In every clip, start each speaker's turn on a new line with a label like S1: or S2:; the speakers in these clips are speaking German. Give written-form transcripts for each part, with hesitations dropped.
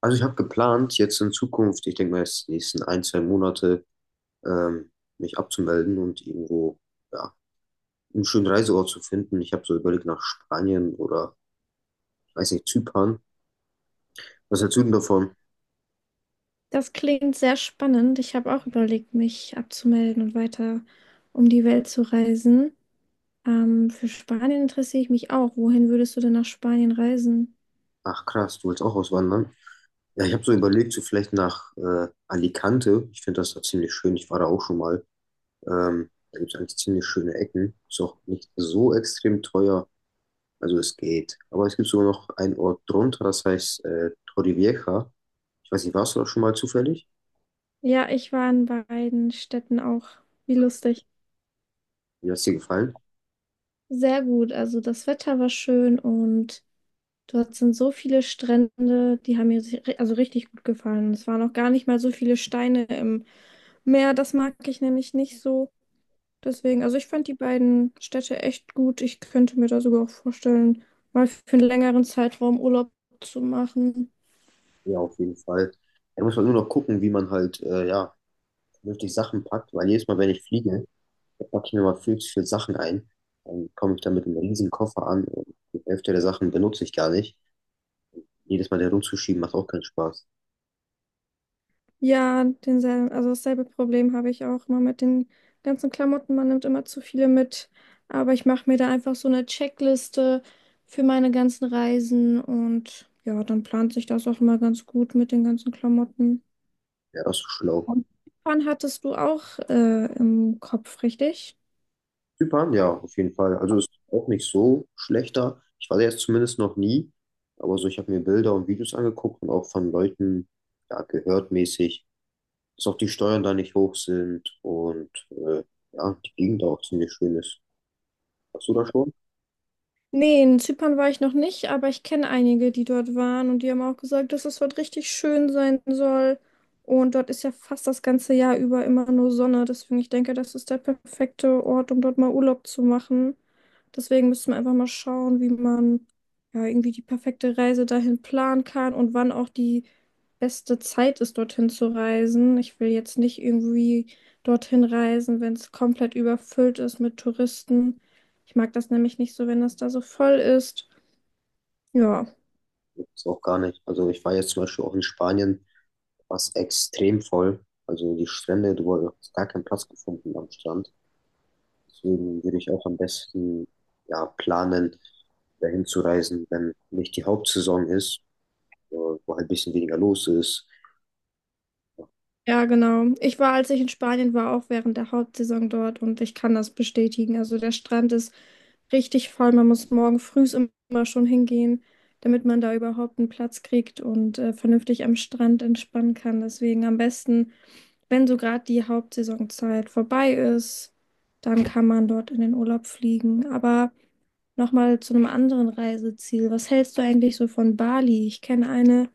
S1: Also ich habe geplant, jetzt in Zukunft, ich denke mal jetzt die nächsten ein, zwei Monate, ähm, mich abzumelden und irgendwo, ja, einen schönen Reiseort zu finden. Ich habe so überlegt nach Spanien oder, ich weiß nicht, Zypern. Was hältst du denn davon?
S2: Das klingt sehr spannend. Ich habe auch überlegt, mich abzumelden und weiter um die Welt zu reisen. Für Spanien interessiere ich mich auch. Wohin würdest du denn nach Spanien reisen?
S1: Ach krass, du willst auch auswandern? Ja, ich habe so überlegt, so vielleicht nach Alicante. Ich finde das da ziemlich schön. Ich war da auch schon mal. Da gibt es eigentlich ziemlich schöne Ecken. Ist auch nicht so extrem teuer. Also es geht. Aber es gibt sogar noch einen Ort drunter, das heißt Torrevieja. Ich weiß nicht, warst du da schon mal zufällig?
S2: Ja, ich war in beiden Städten auch. Wie lustig.
S1: Wie hat es dir gefallen?
S2: Sehr gut. Also das Wetter war schön und dort sind so viele Strände, die haben mir also richtig gut gefallen. Es waren auch gar nicht mal so viele Steine im Meer. Das mag ich nämlich nicht so. Deswegen, also ich fand die beiden Städte echt gut. Ich könnte mir da sogar auch vorstellen, mal für einen längeren Zeitraum Urlaub zu machen.
S1: Ja, auf jeden Fall. Da muss man nur noch gucken, wie man halt, ja, vernünftig Sachen packt, weil jedes Mal, wenn ich fliege, da packe ich mir mal viel zu viele Sachen ein. Dann komme ich da mit einem riesen Koffer an und die Hälfte der Sachen benutze ich gar nicht. Jedes Mal da rumzuschieben macht auch keinen Spaß.
S2: Ja, denselben, also dasselbe Problem habe ich auch immer mit den ganzen Klamotten. Man nimmt immer zu viele mit. Aber ich mache mir da einfach so eine Checkliste für meine ganzen Reisen und ja, dann plant sich das auch immer ganz gut mit den ganzen Klamotten.
S1: Ja, das ist so schlau.
S2: Und wann hattest du auch im Kopf, richtig?
S1: Zypern, ja, auf jeden Fall. Also ist auch nicht so schlechter. Ich war da jetzt zumindest noch nie, aber so, ich habe mir Bilder und Videos angeguckt und auch von Leuten, ja, gehört mäßig, dass auch die Steuern da nicht hoch sind und ja, die Gegend auch ziemlich schön ist. Warst du da schon?
S2: Nee, in Zypern war ich noch nicht, aber ich kenne einige, die dort waren und die haben auch gesagt, dass es dort richtig schön sein soll. Und dort ist ja fast das ganze Jahr über immer nur Sonne. Deswegen, ich denke, das ist der perfekte Ort, um dort mal Urlaub zu machen. Deswegen müssen wir einfach mal schauen, wie man ja irgendwie die perfekte Reise dahin planen kann und wann auch die beste Zeit ist, dorthin zu reisen. Ich will jetzt nicht irgendwie dorthin reisen, wenn es komplett überfüllt ist mit Touristen. Ich mag das nämlich nicht so, wenn das da so voll ist. Ja,
S1: Ist auch gar nicht. Also ich war jetzt zum Beispiel auch in Spanien, war es extrem voll. Also die Strände, du hast gar keinen Platz gefunden am Strand. Deswegen würde ich auch am besten ja, planen, dahin zu reisen, wenn nicht die Hauptsaison ist, wo halt ein bisschen weniger los ist.
S2: ja, genau. Ich war, als ich in Spanien war, auch während der Hauptsaison dort und ich kann das bestätigen. Also der Strand ist richtig voll. Man muss morgen früh immer schon hingehen, damit man da überhaupt einen Platz kriegt und vernünftig am Strand entspannen kann. Deswegen am besten, wenn so gerade die Hauptsaisonzeit vorbei ist, dann kann man dort in den Urlaub fliegen. Aber nochmal zu einem anderen Reiseziel. Was hältst du eigentlich so von Bali? Ich kenne eine.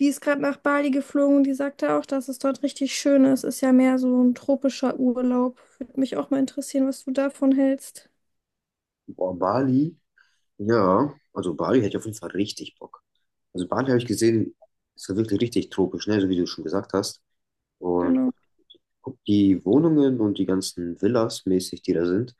S2: Die ist gerade nach Bali geflogen und die sagte auch, dass es dort richtig schön ist. Ist ja mehr so ein tropischer Urlaub. Würde mich auch mal interessieren, was du davon hältst.
S1: Boah, Bali, ja, also Bali hätte ich auf jeden Fall richtig Bock. Also Bali habe ich gesehen, ist ja wirklich richtig tropisch, ne, so wie du schon gesagt hast. Und
S2: Genau.
S1: guck, die Wohnungen und die ganzen Villas mäßig, die da sind,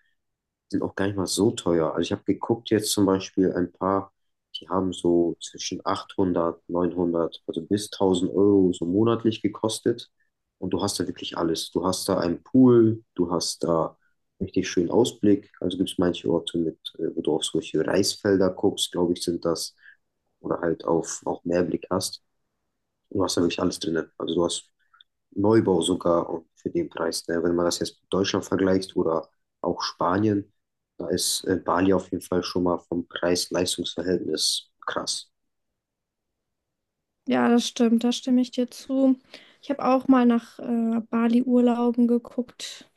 S1: sind auch gar nicht mal so teuer. Also ich habe geguckt jetzt zum Beispiel ein paar, die haben so zwischen 800, 900, also bis 1000 Euro so monatlich gekostet. Und du hast da wirklich alles. Du hast da einen Pool, du hast da richtig schönen Ausblick. Also gibt es manche Orte mit, wo du auf solche Reisfelder guckst, glaube ich, sind das. Oder halt auf auch Meerblick hast. Du hast da wirklich alles drin. Also du hast Neubau sogar und für den Preis. Ne? Wenn man das jetzt mit Deutschland vergleicht oder auch Spanien, da ist Bali auf jeden Fall schon mal vom Preis-Leistungs-Verhältnis krass.
S2: Ja, das stimmt, da stimme ich dir zu. Ich habe auch mal nach Bali-Urlauben geguckt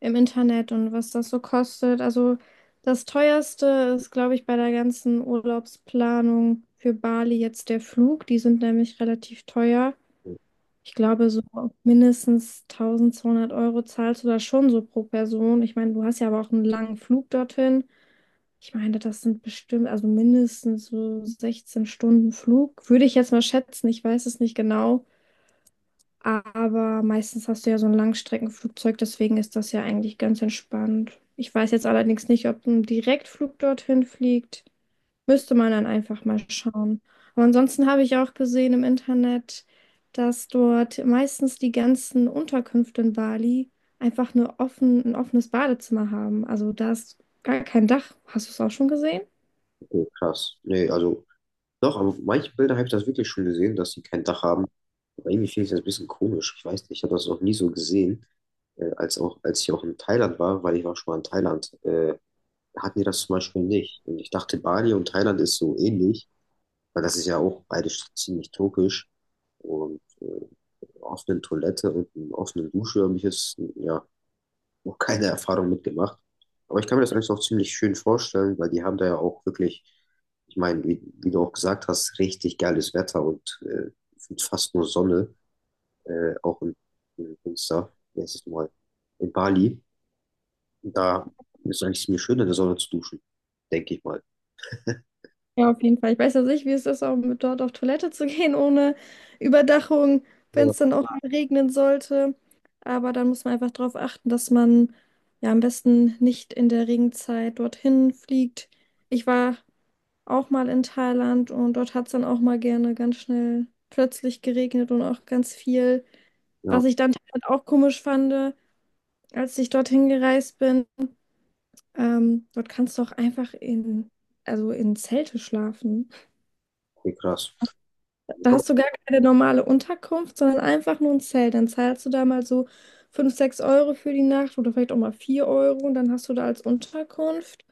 S2: im Internet und was das so kostet. Also das teuerste ist, glaube ich, bei der ganzen Urlaubsplanung für Bali jetzt der Flug. Die sind nämlich relativ teuer. Ich glaube, so mindestens 1200 Euro zahlst du da schon so pro Person. Ich meine, du hast ja aber auch einen langen Flug dorthin. Ich meine, das sind bestimmt, also mindestens so 16 Stunden Flug. Würde ich jetzt mal schätzen, ich weiß es nicht genau. Aber meistens hast du ja so ein Langstreckenflugzeug, deswegen ist das ja eigentlich ganz entspannt. Ich weiß jetzt allerdings nicht, ob ein Direktflug dorthin fliegt. Müsste man dann einfach mal schauen. Aber ansonsten habe ich auch gesehen im Internet, dass dort meistens die ganzen Unterkünfte in Bali einfach nur offen, ein offenes Badezimmer haben. Also da ist gar kein Dach. Hast du es auch schon gesehen?
S1: Okay, krass. Nee, also doch, aber manche Bilder habe ich das wirklich schon gesehen, dass sie kein Dach haben. Aber irgendwie finde ich das ein bisschen komisch. Ich weiß nicht, ich habe das noch nie so gesehen, als auch, als ich auch in Thailand war, weil ich war schon mal in Thailand. Hatten die das zum Beispiel nicht. Und ich dachte, Bali und Thailand ist so ähnlich. Weil das ist ja auch beides ziemlich türkisch. Und einer offenen Toilette und einer offenen Dusche habe ich jetzt ja noch keine Erfahrung mitgemacht. Aber ich kann mir das eigentlich auch ziemlich schön vorstellen, weil die haben da ja auch wirklich, ich meine, wie du auch gesagt hast, richtig geiles Wetter und fast nur Sonne, auch in Münster, letztes Mal in Bali. Da ist eigentlich ziemlich schön, in der Sonne zu duschen, denke ich mal.
S2: Ja, auf jeden Fall. Ich weiß ja nicht, wie es ist, auch mit dort auf Toilette zu gehen ohne Überdachung, wenn es dann auch mal regnen sollte. Aber dann muss man einfach darauf achten, dass man ja am besten nicht in der Regenzeit dorthin fliegt. Ich war auch mal in Thailand und dort hat es dann auch mal gerne ganz schnell plötzlich geregnet und auch ganz viel.
S1: Ja,
S2: Was ich dann Thailand auch komisch fand, als ich dorthin gereist bin, dort kannst du auch einfach also in Zelte schlafen.
S1: okay, krass.
S2: Da hast du gar keine normale Unterkunft, sondern einfach nur ein Zelt. Dann zahlst du da mal so 5, 6 Euro für die Nacht oder vielleicht auch mal 4 Euro und dann hast du da als Unterkunft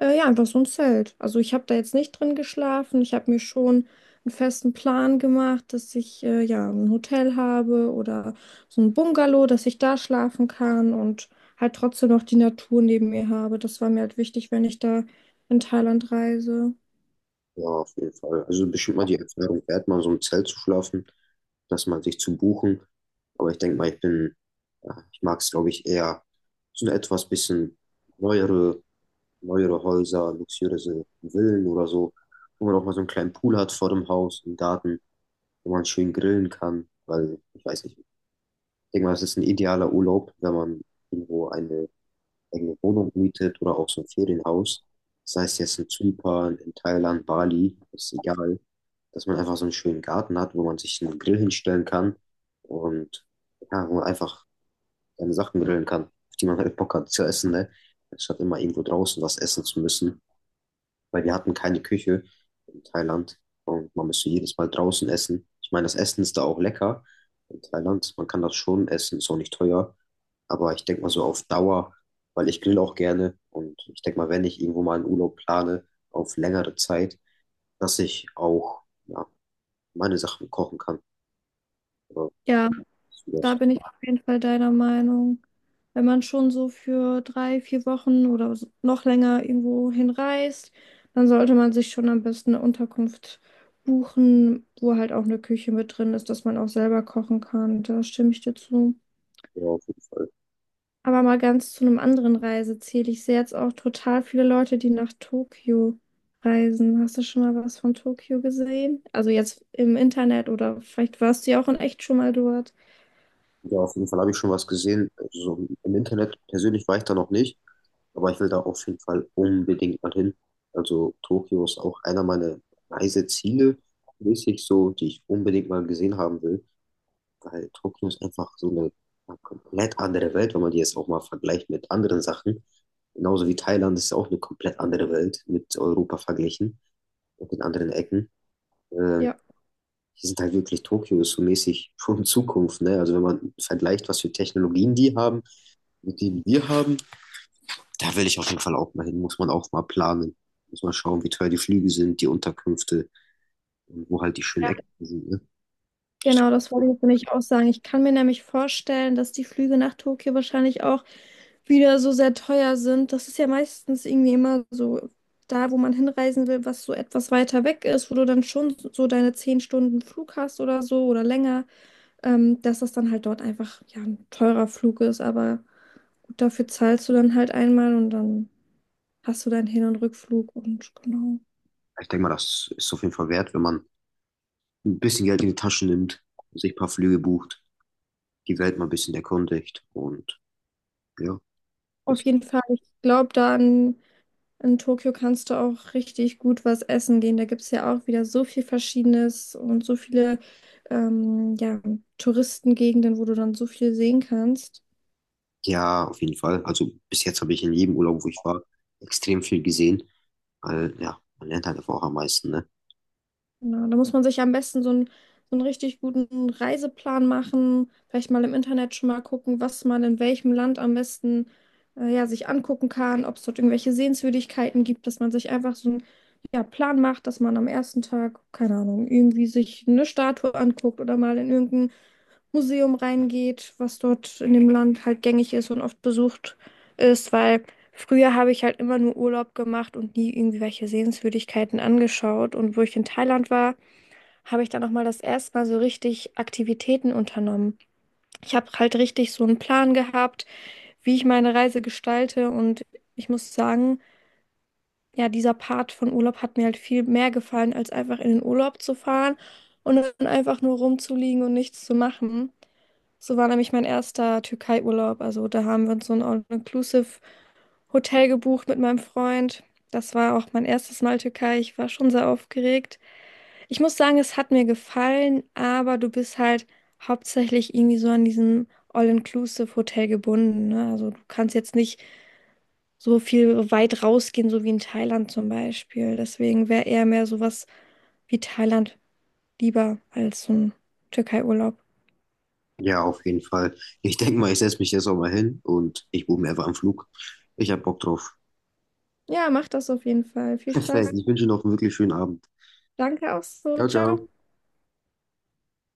S2: ja einfach so ein Zelt. Also ich habe da jetzt nicht drin geschlafen. Ich habe mir schon einen festen Plan gemacht, dass ich ja ein Hotel habe oder so ein Bungalow, dass ich da schlafen kann und halt trotzdem noch die Natur neben mir habe. Das war mir halt wichtig, wenn ich da in Thailand reise.
S1: Ja, auf jeden Fall. Also bestimmt mal die Erfahrung wert, mal in so einem Zelt zu schlafen, das mal sich zu buchen. Aber ich denke mal, ich bin, ja, ich mag es, glaube ich, eher so eine etwas bisschen neuere, neuere Häuser, luxuriöse Villen oder so, wo man auch mal so einen kleinen Pool hat vor dem Haus, im Garten, wo man schön grillen kann, weil ich weiß nicht, ich denke mal, es ist ein idealer Urlaub, wenn man irgendwo eine eigene Wohnung mietet oder auch so ein Ferienhaus, sei es jetzt in Zypern, in Thailand, Bali, ist egal, dass man einfach so einen schönen Garten hat, wo man sich einen Grill hinstellen kann und ja, wo man einfach seine Sachen grillen kann, auf die man halt Bock hat zu essen, ne? Anstatt immer irgendwo draußen was essen zu müssen, weil wir hatten keine Küche in Thailand und man müsste jedes Mal draußen essen. Ich meine, das Essen ist da auch lecker in Thailand, man kann das schon essen, ist auch nicht teuer. Aber ich denke mal so auf Dauer, weil ich grill auch gerne und ich denke mal, wenn ich irgendwo mal einen Urlaub plane, auf längere Zeit, dass ich auch ja, meine Sachen kochen kann. Oder
S2: Ja.
S1: so das.
S2: Da bin ich auf jeden Fall deiner Meinung. Wenn man schon so für drei, vier Wochen oder so- noch länger irgendwo hinreist, dann sollte man sich schon am besten eine Unterkunft buchen, wo halt auch eine Küche mit drin ist, dass man auch selber kochen kann. Da stimme ich dir zu.
S1: Ja, auf jeden Fall.
S2: Aber mal ganz zu einem anderen Reiseziel. Ich sehe jetzt auch total viele Leute, die nach Tokio reisen. Hast du schon mal was von Tokio gesehen? Also jetzt im Internet oder vielleicht warst du ja auch in echt schon mal dort.
S1: Ja, auf jeden Fall habe ich schon was gesehen. Also so im Internet persönlich war ich da noch nicht, aber ich will da auf jeden Fall unbedingt mal hin. Also Tokio ist auch einer meiner Reiseziele, mäßig so, die ich unbedingt mal gesehen haben will. Weil Tokio ist einfach so eine ja, komplett andere Welt, wenn man die jetzt auch mal vergleicht mit anderen Sachen. Genauso wie Thailand ist auch eine komplett andere Welt mit Europa verglichen und in anderen Ecken. Äh,
S2: Ja.
S1: Die sind halt wirklich Tokio ist so mäßig schon Zukunft, ne? Also wenn man vergleicht, was für Technologien die haben mit denen wir haben, da will ich auf jeden Fall auch mal hin, muss man auch mal planen. Muss man schauen, wie teuer die Flüge sind, die Unterkünfte und wo halt die schönen Ecken sind, ne?
S2: Genau, das wollte ich nämlich auch sagen. Ich kann mir nämlich vorstellen, dass die Flüge nach Tokio wahrscheinlich auch wieder so sehr teuer sind. Das ist ja meistens irgendwie immer so da, wo man hinreisen will, was so etwas weiter weg ist, wo du dann schon so deine 10 Stunden Flug hast oder so oder länger, dass das dann halt dort einfach ja ein teurer Flug ist. Aber gut, dafür zahlst du dann halt einmal und dann hast du deinen Hin- und Rückflug und genau.
S1: Ich denke mal, das ist auf jeden Fall wert, wenn man ein bisschen Geld in die Tasche nimmt, sich ein paar Flüge bucht, die Welt mal ein bisschen erkundigt und ja,
S2: Auf
S1: das,
S2: jeden Fall, ich glaube da an. In Tokio kannst du auch richtig gut was essen gehen. Da gibt es ja auch wieder so viel Verschiedenes und so viele ja, Touristengegenden, wo du dann so viel sehen kannst.
S1: ja, auf jeden Fall. Also bis jetzt habe ich in jedem Urlaub, wo ich war, extrem viel gesehen, weil ja, man lernt halt einfach auch am meisten, ne?
S2: Ja, da muss man sich am besten so einen richtig guten Reiseplan machen, vielleicht mal im Internet schon mal gucken, was man in welchem Land am besten ja, sich angucken kann, ob es dort irgendwelche Sehenswürdigkeiten gibt, dass man sich einfach so einen ja, Plan macht, dass man am ersten Tag, keine Ahnung, irgendwie sich eine Statue anguckt oder mal in irgendein Museum reingeht, was dort in dem Land halt gängig ist und oft besucht ist, weil. Früher habe ich halt immer nur Urlaub gemacht und nie irgendwie welche Sehenswürdigkeiten angeschaut. Und wo ich in Thailand war, habe ich dann nochmal das erste Mal so richtig Aktivitäten unternommen. Ich habe halt richtig so einen Plan gehabt, wie ich meine Reise gestalte. Und ich muss sagen, ja, dieser Part von Urlaub hat mir halt viel mehr gefallen, als einfach in den Urlaub zu fahren und dann einfach nur rumzuliegen und nichts zu machen. So war nämlich mein erster Türkei-Urlaub. Also da haben wir uns so ein All-Inclusive Hotel gebucht mit meinem Freund. Das war auch mein erstes Mal Türkei. Ich war schon sehr aufgeregt. Ich muss sagen, es hat mir gefallen, aber du bist halt hauptsächlich irgendwie so an diesem All-Inclusive-Hotel gebunden, ne? Also du kannst jetzt nicht so viel weit rausgehen, so wie in Thailand zum Beispiel. Deswegen wäre eher mehr sowas wie Thailand lieber als so ein Türkei-Urlaub.
S1: Ja, auf jeden Fall. Ich denke mal, ich setze mich jetzt auch mal hin und ich buche mir einfach einen Flug. Ich habe Bock drauf.
S2: Ja, mach das auf jeden Fall. Viel
S1: Perfekt.
S2: Spaß.
S1: Ich wünsche noch einen wirklich schönen Abend.
S2: Danke auch so.
S1: Ciao,
S2: Ciao.
S1: ciao.